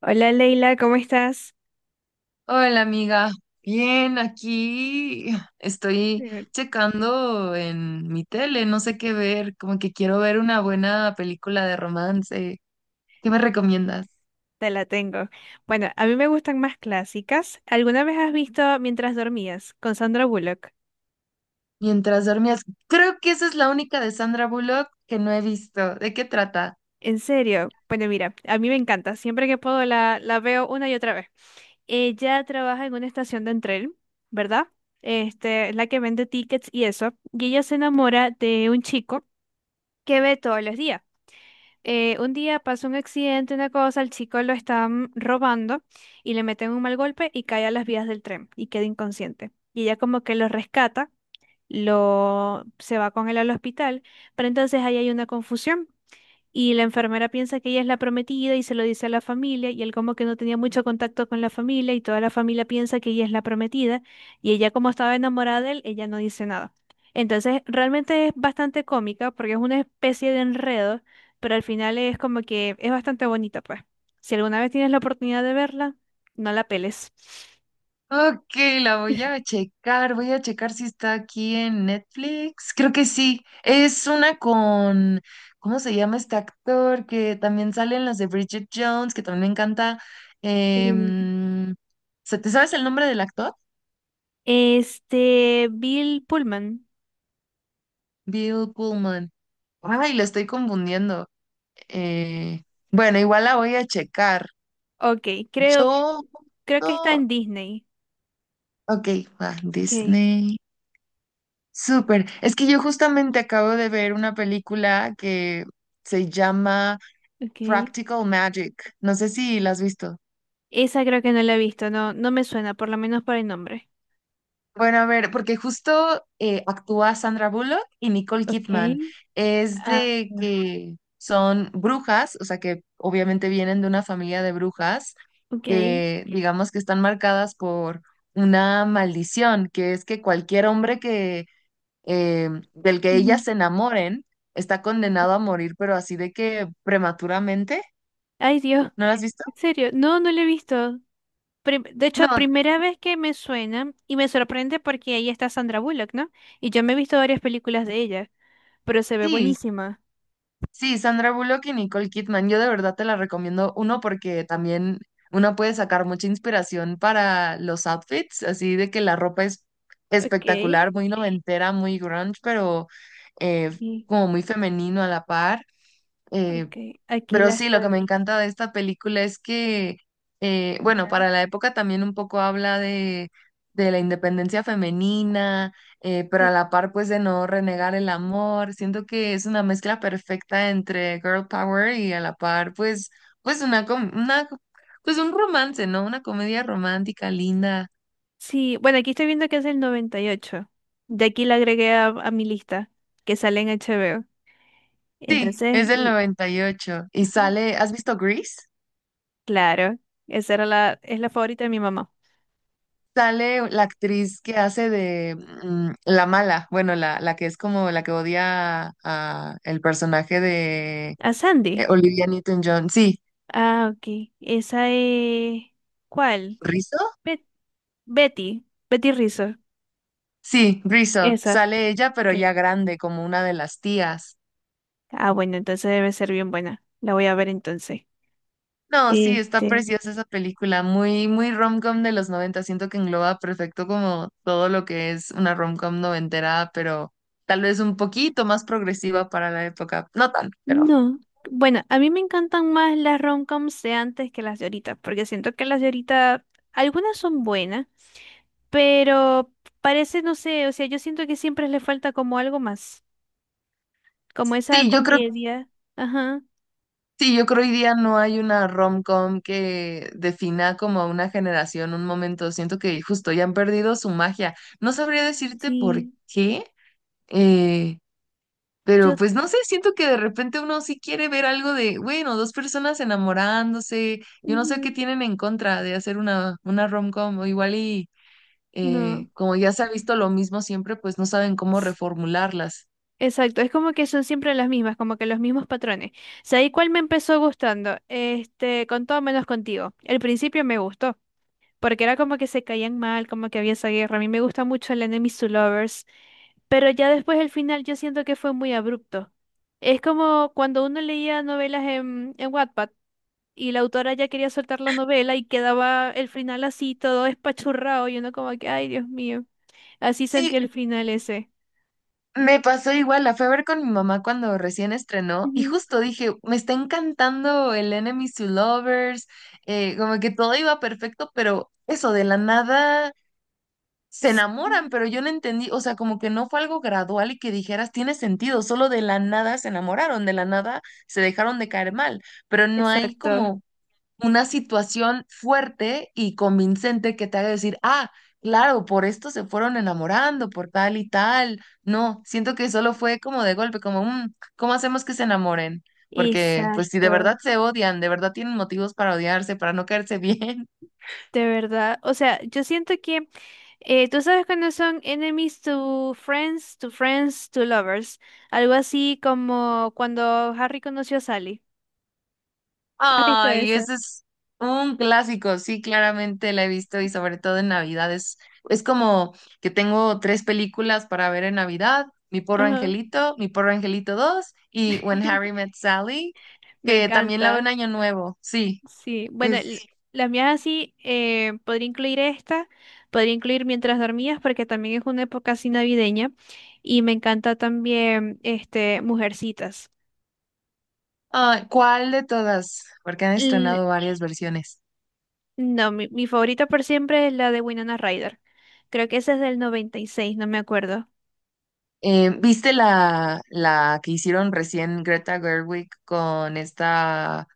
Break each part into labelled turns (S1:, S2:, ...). S1: Hola Leila, ¿cómo estás?
S2: Hola amiga, bien, aquí estoy
S1: Eh,
S2: checando en mi tele, no sé qué ver, como que quiero ver una buena película de romance. ¿Qué me recomiendas?
S1: Te la tengo. Bueno, a mí me gustan más clásicas. ¿Alguna vez has visto Mientras dormías con Sandra Bullock?
S2: Mientras dormías, creo que esa es la única de Sandra Bullock que no he visto. ¿De qué trata?
S1: En serio, bueno, mira, a mí me encanta. Siempre que puedo la veo una y otra vez. Ella trabaja en una estación de tren, ¿verdad? Este, es la que vende tickets y eso. Y ella se enamora de un chico que ve todos los días. Un día pasa un accidente, una cosa, el chico lo están robando y le meten un mal golpe y cae a las vías del tren y queda inconsciente. Y ella como que lo rescata, lo se va con él al hospital, pero entonces ahí hay una confusión y la enfermera piensa que ella es la prometida y se lo dice a la familia y él como que no tenía mucho contacto con la familia y toda la familia piensa que ella es la prometida y ella como estaba enamorada de él, ella no dice nada. Entonces realmente es bastante cómica porque es una especie de enredo, pero al final es como que es bastante bonita pues. Si alguna vez tienes la oportunidad de verla, no la peles.
S2: Ok, la voy a checar si está aquí en Netflix. Creo que sí. Es una con, ¿cómo se llama este actor? Que también sale en las de Bridget Jones, que también me encanta.
S1: Mm.
S2: Em, ¿te sabes el nombre del actor?
S1: Este, Bill Pullman.
S2: Bill Pullman. Ay, lo estoy confundiendo. Eh, bueno, igual la voy a checar.
S1: Ok, creo,
S2: Yo,
S1: creo que está
S2: no-
S1: en Disney.
S2: Ok, va,
S1: Ok,
S2: Disney. Súper. Es que yo justamente acabo de ver una película que se llama
S1: ok.
S2: Practical Magic. No sé si la has visto.
S1: Esa creo que no la he visto, no, no me suena, por lo menos por el nombre.
S2: Bueno, a ver, porque justo actúa Sandra Bullock y Nicole
S1: Okay.
S2: Kidman. Es
S1: Ah,
S2: de
S1: ah,
S2: que son brujas, o sea que obviamente vienen de una familia de brujas
S1: ok.
S2: que digamos que están marcadas por una maldición, que es que cualquier hombre que del que ellas
S1: Ujú.
S2: se enamoren, está condenado a morir, pero así de que prematuramente.
S1: Ay, Dios,
S2: ¿No la has visto?
S1: en serio, no, no la he visto. Prim- de hecho,
S2: No,
S1: primera vez que me suena y me sorprende porque ahí está Sandra Bullock, ¿no? Y yo me he visto varias películas de ella, pero se ve
S2: sí,
S1: buenísima.
S2: sí, Sandra Bullock y Nicole Kidman. Yo de verdad te la recomiendo. Uno, porque también uno puede sacar mucha inspiración para los outfits, así de que la ropa es
S1: Okay,
S2: espectacular, muy noventera, muy grunge, pero eh,
S1: aquí,
S2: como muy femenino a la par. Eh,
S1: okay, aquí
S2: Pero
S1: la
S2: sí, lo que me
S1: estoy.
S2: encanta de esta película es que, bueno,
S1: Ajá.
S2: para la época también un poco habla de la independencia femenina, pero a la par pues de no renegar el amor. Siento que es una mezcla perfecta entre girl power y a la par pues una, pues un romance, ¿no? Una comedia romántica linda.
S1: Sí, bueno, aquí estoy viendo que es el 98. De aquí la agregué a mi lista, que sale en HBO.
S2: Sí,
S1: Entonces,
S2: es del 98 y sale, ¿has visto Grease?
S1: claro, esa era es la favorita de mi mamá.
S2: Sale la actriz que hace de la mala, bueno, la que es como la que odia a el personaje de
S1: ¿A Sandy?
S2: Olivia Newton-John. Sí,
S1: Ah, ok. Esa es... ¿Cuál?
S2: ¿Rizzo?
S1: Bet- Betty. Betty Rizzo.
S2: Sí, Rizzo.
S1: Esa.
S2: Sale ella, pero ya
S1: ¿Qué?
S2: grande, como una de las tías.
S1: Ah, bueno, entonces debe ser bien buena. La voy a ver entonces.
S2: No, sí, está
S1: Este.
S2: preciosa esa película, muy, muy rom-com de los 90. Siento que engloba perfecto como todo lo que es una rom-com noventera, pero tal vez un poquito más progresiva para la época. No tan, pero
S1: No. Bueno, a mí me encantan más las rom-coms de antes que las de ahorita, porque siento que las de ahorita, algunas son buenas, pero parece, no sé, o sea, yo siento que siempre le falta como algo más, como esa
S2: sí, yo creo
S1: comedia. Ajá,
S2: Sí, yo creo hoy día no hay una rom-com que defina como a una generación, un momento. Siento que justo ya han perdido su magia. No sabría decirte por
S1: sí,
S2: qué, eh, pero
S1: yo,
S2: pues no sé, siento que de repente uno sí quiere ver algo de, bueno, dos personas enamorándose. Yo no sé
S1: ujú,
S2: qué tienen en contra de hacer una rom-com o igual y
S1: no.
S2: como ya se ha visto lo mismo siempre, pues no saben cómo
S1: s-
S2: reformularlas.
S1: Exacto, es como que son siempre las mismas, como que los mismos patrones. ¿Sabes cuál me empezó gustando? Este, con todo menos contigo. El principio me gustó, porque era como que se caían mal, como que había esa guerra. A mí me gusta mucho el Enemies to Lovers, pero ya después el final yo siento que fue muy abrupto. Es como cuando uno leía novelas en Wattpad y la autora ya quería soltar la novela y quedaba el final así, todo espachurrado, y uno como que, ay, Dios mío, así sentí
S2: Sí,
S1: el final ese.
S2: me pasó igual, la fui a ver con mi mamá cuando recién estrenó y
S1: Ujú.
S2: justo dije, me está encantando el Enemies to Lovers, como que todo iba perfecto, pero eso, de la nada se
S1: Sí,
S2: enamoran, pero yo no entendí, o sea, como que no fue algo gradual y que dijeras, tiene sentido, solo de la nada se enamoraron, de la nada se dejaron de caer mal, pero no hay
S1: exacto,
S2: como una situación fuerte y convincente que te haga decir, ah, claro, por esto se fueron enamorando, por tal y tal. No, siento que solo fue como de golpe, como, "Mm, ¿cómo hacemos que se enamoren? Porque, pues, si de
S1: exacto.
S2: verdad se odian, de verdad tienen motivos para odiarse, para no caerse bien,
S1: De verdad, o sea, yo siento que tú sabes cuando son enemies to friends, to friends, to lovers, algo así como cuando Harry conoció a Sally. ¿Has visto
S2: Ay,
S1: eso?
S2: ese es un clásico, sí, claramente la he visto y sobre todo en Navidad. Es como que tengo tres películas para ver en Navidad, Mi Porro
S1: Ajá.
S2: Angelito, Mi Porro Angelito 2 y When Harry Met Sally,
S1: Me
S2: que también la veo en
S1: encanta.
S2: Año Nuevo, sí.
S1: Sí, bueno,
S2: Sí.
S1: las mías así, podría incluir esta, podría incluir Mientras dormías, porque también es una época así navideña, y me encanta también, este, Mujercitas.
S2: Ah, ¿cuál de todas? Porque han
S1: L-
S2: estrenado varias versiones.
S1: no, mi favorita por siempre es la de Winona Ryder. Creo que esa es del 96, no me acuerdo.
S2: ¿Viste la que hicieron recién Greta Gerwig con esta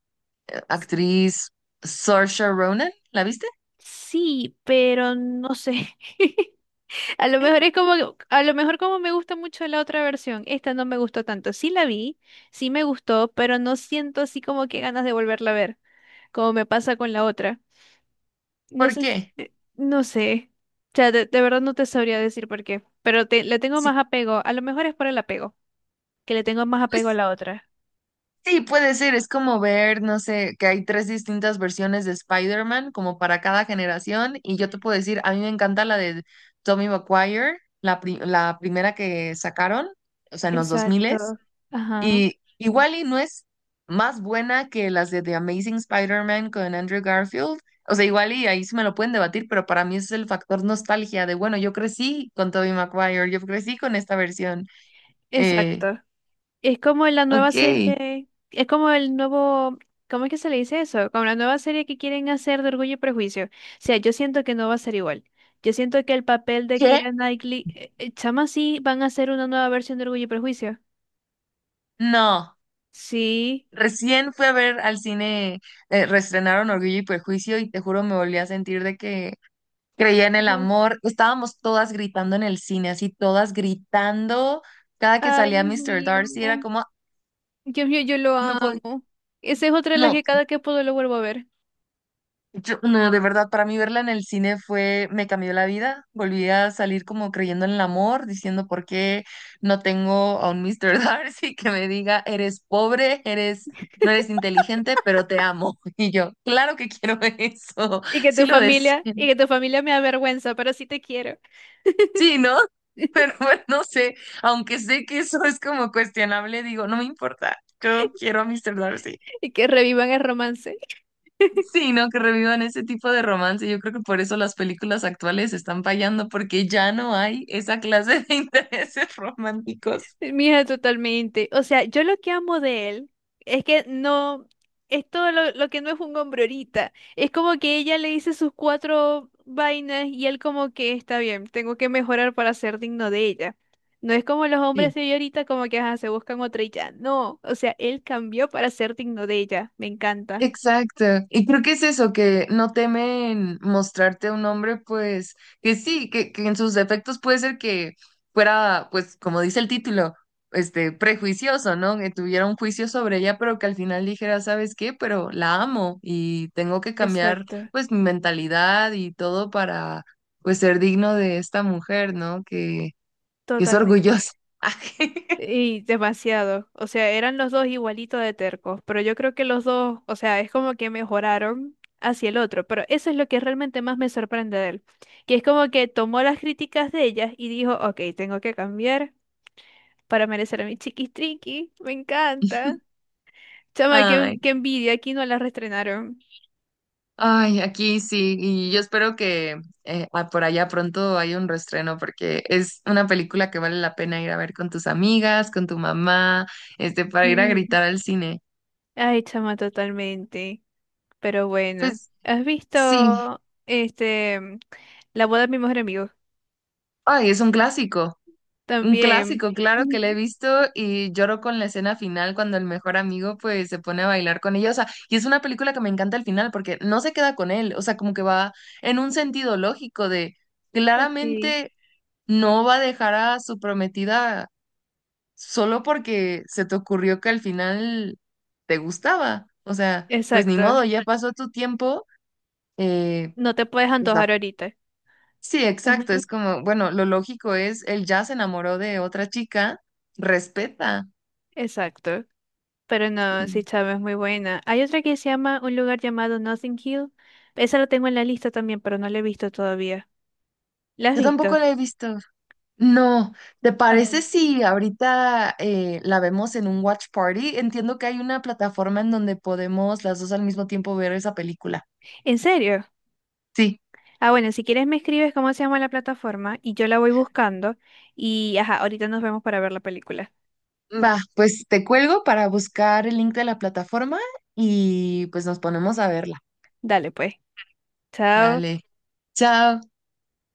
S2: actriz Saoirse Ronan? ¿La viste?
S1: Sí, pero no sé. A lo mejor es como, a lo mejor como me gusta mucho la otra versión, esta no me gustó tanto. Sí la vi, sí me gustó, pero no siento así como que ganas de volverla a ver, como me pasa con la otra. No
S2: ¿Por
S1: sé,
S2: qué?
S1: no sé. O sea, de verdad no te sabría decir por qué, pero le tengo más
S2: Sí,
S1: apego. A lo mejor es por el apego, que le tengo más apego a
S2: pues
S1: la otra.
S2: sí, puede ser. Es como ver, no sé, que hay tres distintas versiones de Spider-Man, como para cada generación. Y yo te puedo decir, a mí me encanta la de Tobey Maguire, la primera que sacaron, o sea, en los 2000.
S1: Exacto. Ajá,
S2: Y igual y no es más buena que las de The Amazing Spider-Man con Andrew Garfield. O sea, igual y ahí sí me lo pueden debatir, pero para mí ese es el factor nostalgia de, bueno, yo crecí con Tobey Maguire, yo crecí con esta versión. Eh,
S1: exacto. Es como la nueva
S2: ok.
S1: serie, es como el nuevo, ¿cómo es que se le dice eso? Como la nueva serie que quieren hacer de Orgullo y Prejuicio. O sea, yo siento que no va a ser igual. Yo siento que el papel de
S2: ¿Qué?
S1: Keira Knightley, chama, sí, van a hacer una nueva versión de Orgullo y Prejuicio.
S2: No,
S1: Sí.
S2: recién fui a ver al cine, reestrenaron Orgullo y Prejuicio y te juro me volví a sentir de que creía en el
S1: Ajá.
S2: amor. Estábamos todas gritando en el cine, así todas gritando. Cada que
S1: Ay,
S2: salía
S1: Dios
S2: Mr.
S1: mío.
S2: Darcy era como,
S1: Dios mío, yo lo
S2: no puedo,
S1: amo. Esa es otra de las
S2: no,
S1: que cada que puedo lo vuelvo a ver.
S2: No, de verdad, para mí verla en el cine fue, me cambió la vida. Volví a salir como creyendo en el amor, diciendo por qué no tengo a un Mr. Darcy que me diga, eres pobre, eres, no eres inteligente, pero te amo. Y yo, claro que quiero eso,
S1: Y que
S2: sí
S1: tu
S2: lo
S1: familia,
S2: deseo.
S1: y que tu familia me avergüenza, pero sí te quiero.
S2: Sí, ¿no? Pero bueno, no sé, aunque sé que eso es como cuestionable, digo, no me importa, yo quiero a Mr. Darcy.
S1: Y que revivan el romance.
S2: Sí, no, que revivan ese tipo de romance. Yo creo que por eso las películas actuales están fallando, porque ya no hay esa clase de intereses románticos.
S1: Mija, totalmente. O sea, yo lo que amo de él es que no, es todo lo que no es un hombre ahorita. Es como que ella le dice sus cuatro vainas y él como que está bien, tengo que mejorar para ser digno de ella. No es como los hombres
S2: Sí.
S1: de hoy ahorita como que ajá, se buscan otra y ya. No, o sea, él cambió para ser digno de ella. Me encanta.
S2: Exacto. Y creo que es eso, que no temen mostrarte a un hombre, pues, que sí, que en sus defectos puede ser que fuera, pues, como dice el título, este, prejuicioso, ¿no? Que tuviera un juicio sobre ella, pero que al final dijera, ¿sabes qué? Pero la amo y tengo que cambiar,
S1: Exacto,
S2: pues, mi mentalidad y todo para, pues, ser digno de esta mujer, ¿no? Que es
S1: totalmente.
S2: orgullosa.
S1: Y demasiado. O sea, eran los dos igualitos de tercos, pero yo creo que los dos, o sea, es como que mejoraron hacia el otro, pero eso es lo que realmente más me sorprende de él, que es como que tomó las críticas de ellas y dijo, ok, tengo que cambiar para merecer a mi chiquis triqui, me encanta. Chama,
S2: Ay,
S1: qué envidia, aquí no la restrenaron.
S2: ay, aquí sí, y yo espero que por allá pronto haya un reestreno porque es una película que vale la pena ir a ver con tus amigas, con tu mamá, este, para ir a
S1: Sí.
S2: gritar al cine.
S1: Ay, chama, totalmente. Pero bueno,
S2: Pues
S1: ¿has
S2: sí,
S1: visto este, La boda de mi mejor amigo?
S2: ay, es un
S1: También.
S2: clásico, claro que la he
S1: Ujú.
S2: visto y lloro con la escena final cuando el mejor amigo pues se pone a bailar con ella, o sea, y es una película que me encanta al final porque no se queda con él, o sea, como que va en un sentido lógico de
S1: Ok.
S2: claramente no va a dejar a su prometida solo porque se te ocurrió que al final te gustaba. O sea, pues ni
S1: Exacto.
S2: modo, ya pasó tu tiempo. eh,
S1: No te puedes
S2: pues la-
S1: antojar ahorita.
S2: Sí, exacto.
S1: Ajá.
S2: Es como, bueno, lo lógico es, él ya se enamoró de otra chica, respeta.
S1: Exacto. Pero no, sí,
S2: Sí.
S1: chama, es muy buena. Hay otra que se llama un lugar llamado Nothing Hill. Esa la tengo en la lista también, pero no la he visto todavía. ¿La has
S2: Yo tampoco
S1: visto?
S2: la he visto. No, ¿te
S1: Ah,
S2: parece si ahorita la vemos en un watch party? Entiendo que hay una plataforma en donde podemos las dos al mismo tiempo ver esa película.
S1: ¿en serio?
S2: Sí.
S1: Ah, bueno, si quieres me escribes cómo se llama la plataforma y yo la voy buscando. Y, ajá, ahorita nos vemos para ver la película.
S2: Va, pues te cuelgo para buscar el link de la plataforma y pues nos ponemos a verla.
S1: Dale, pues. Chao.
S2: Dale. Chao.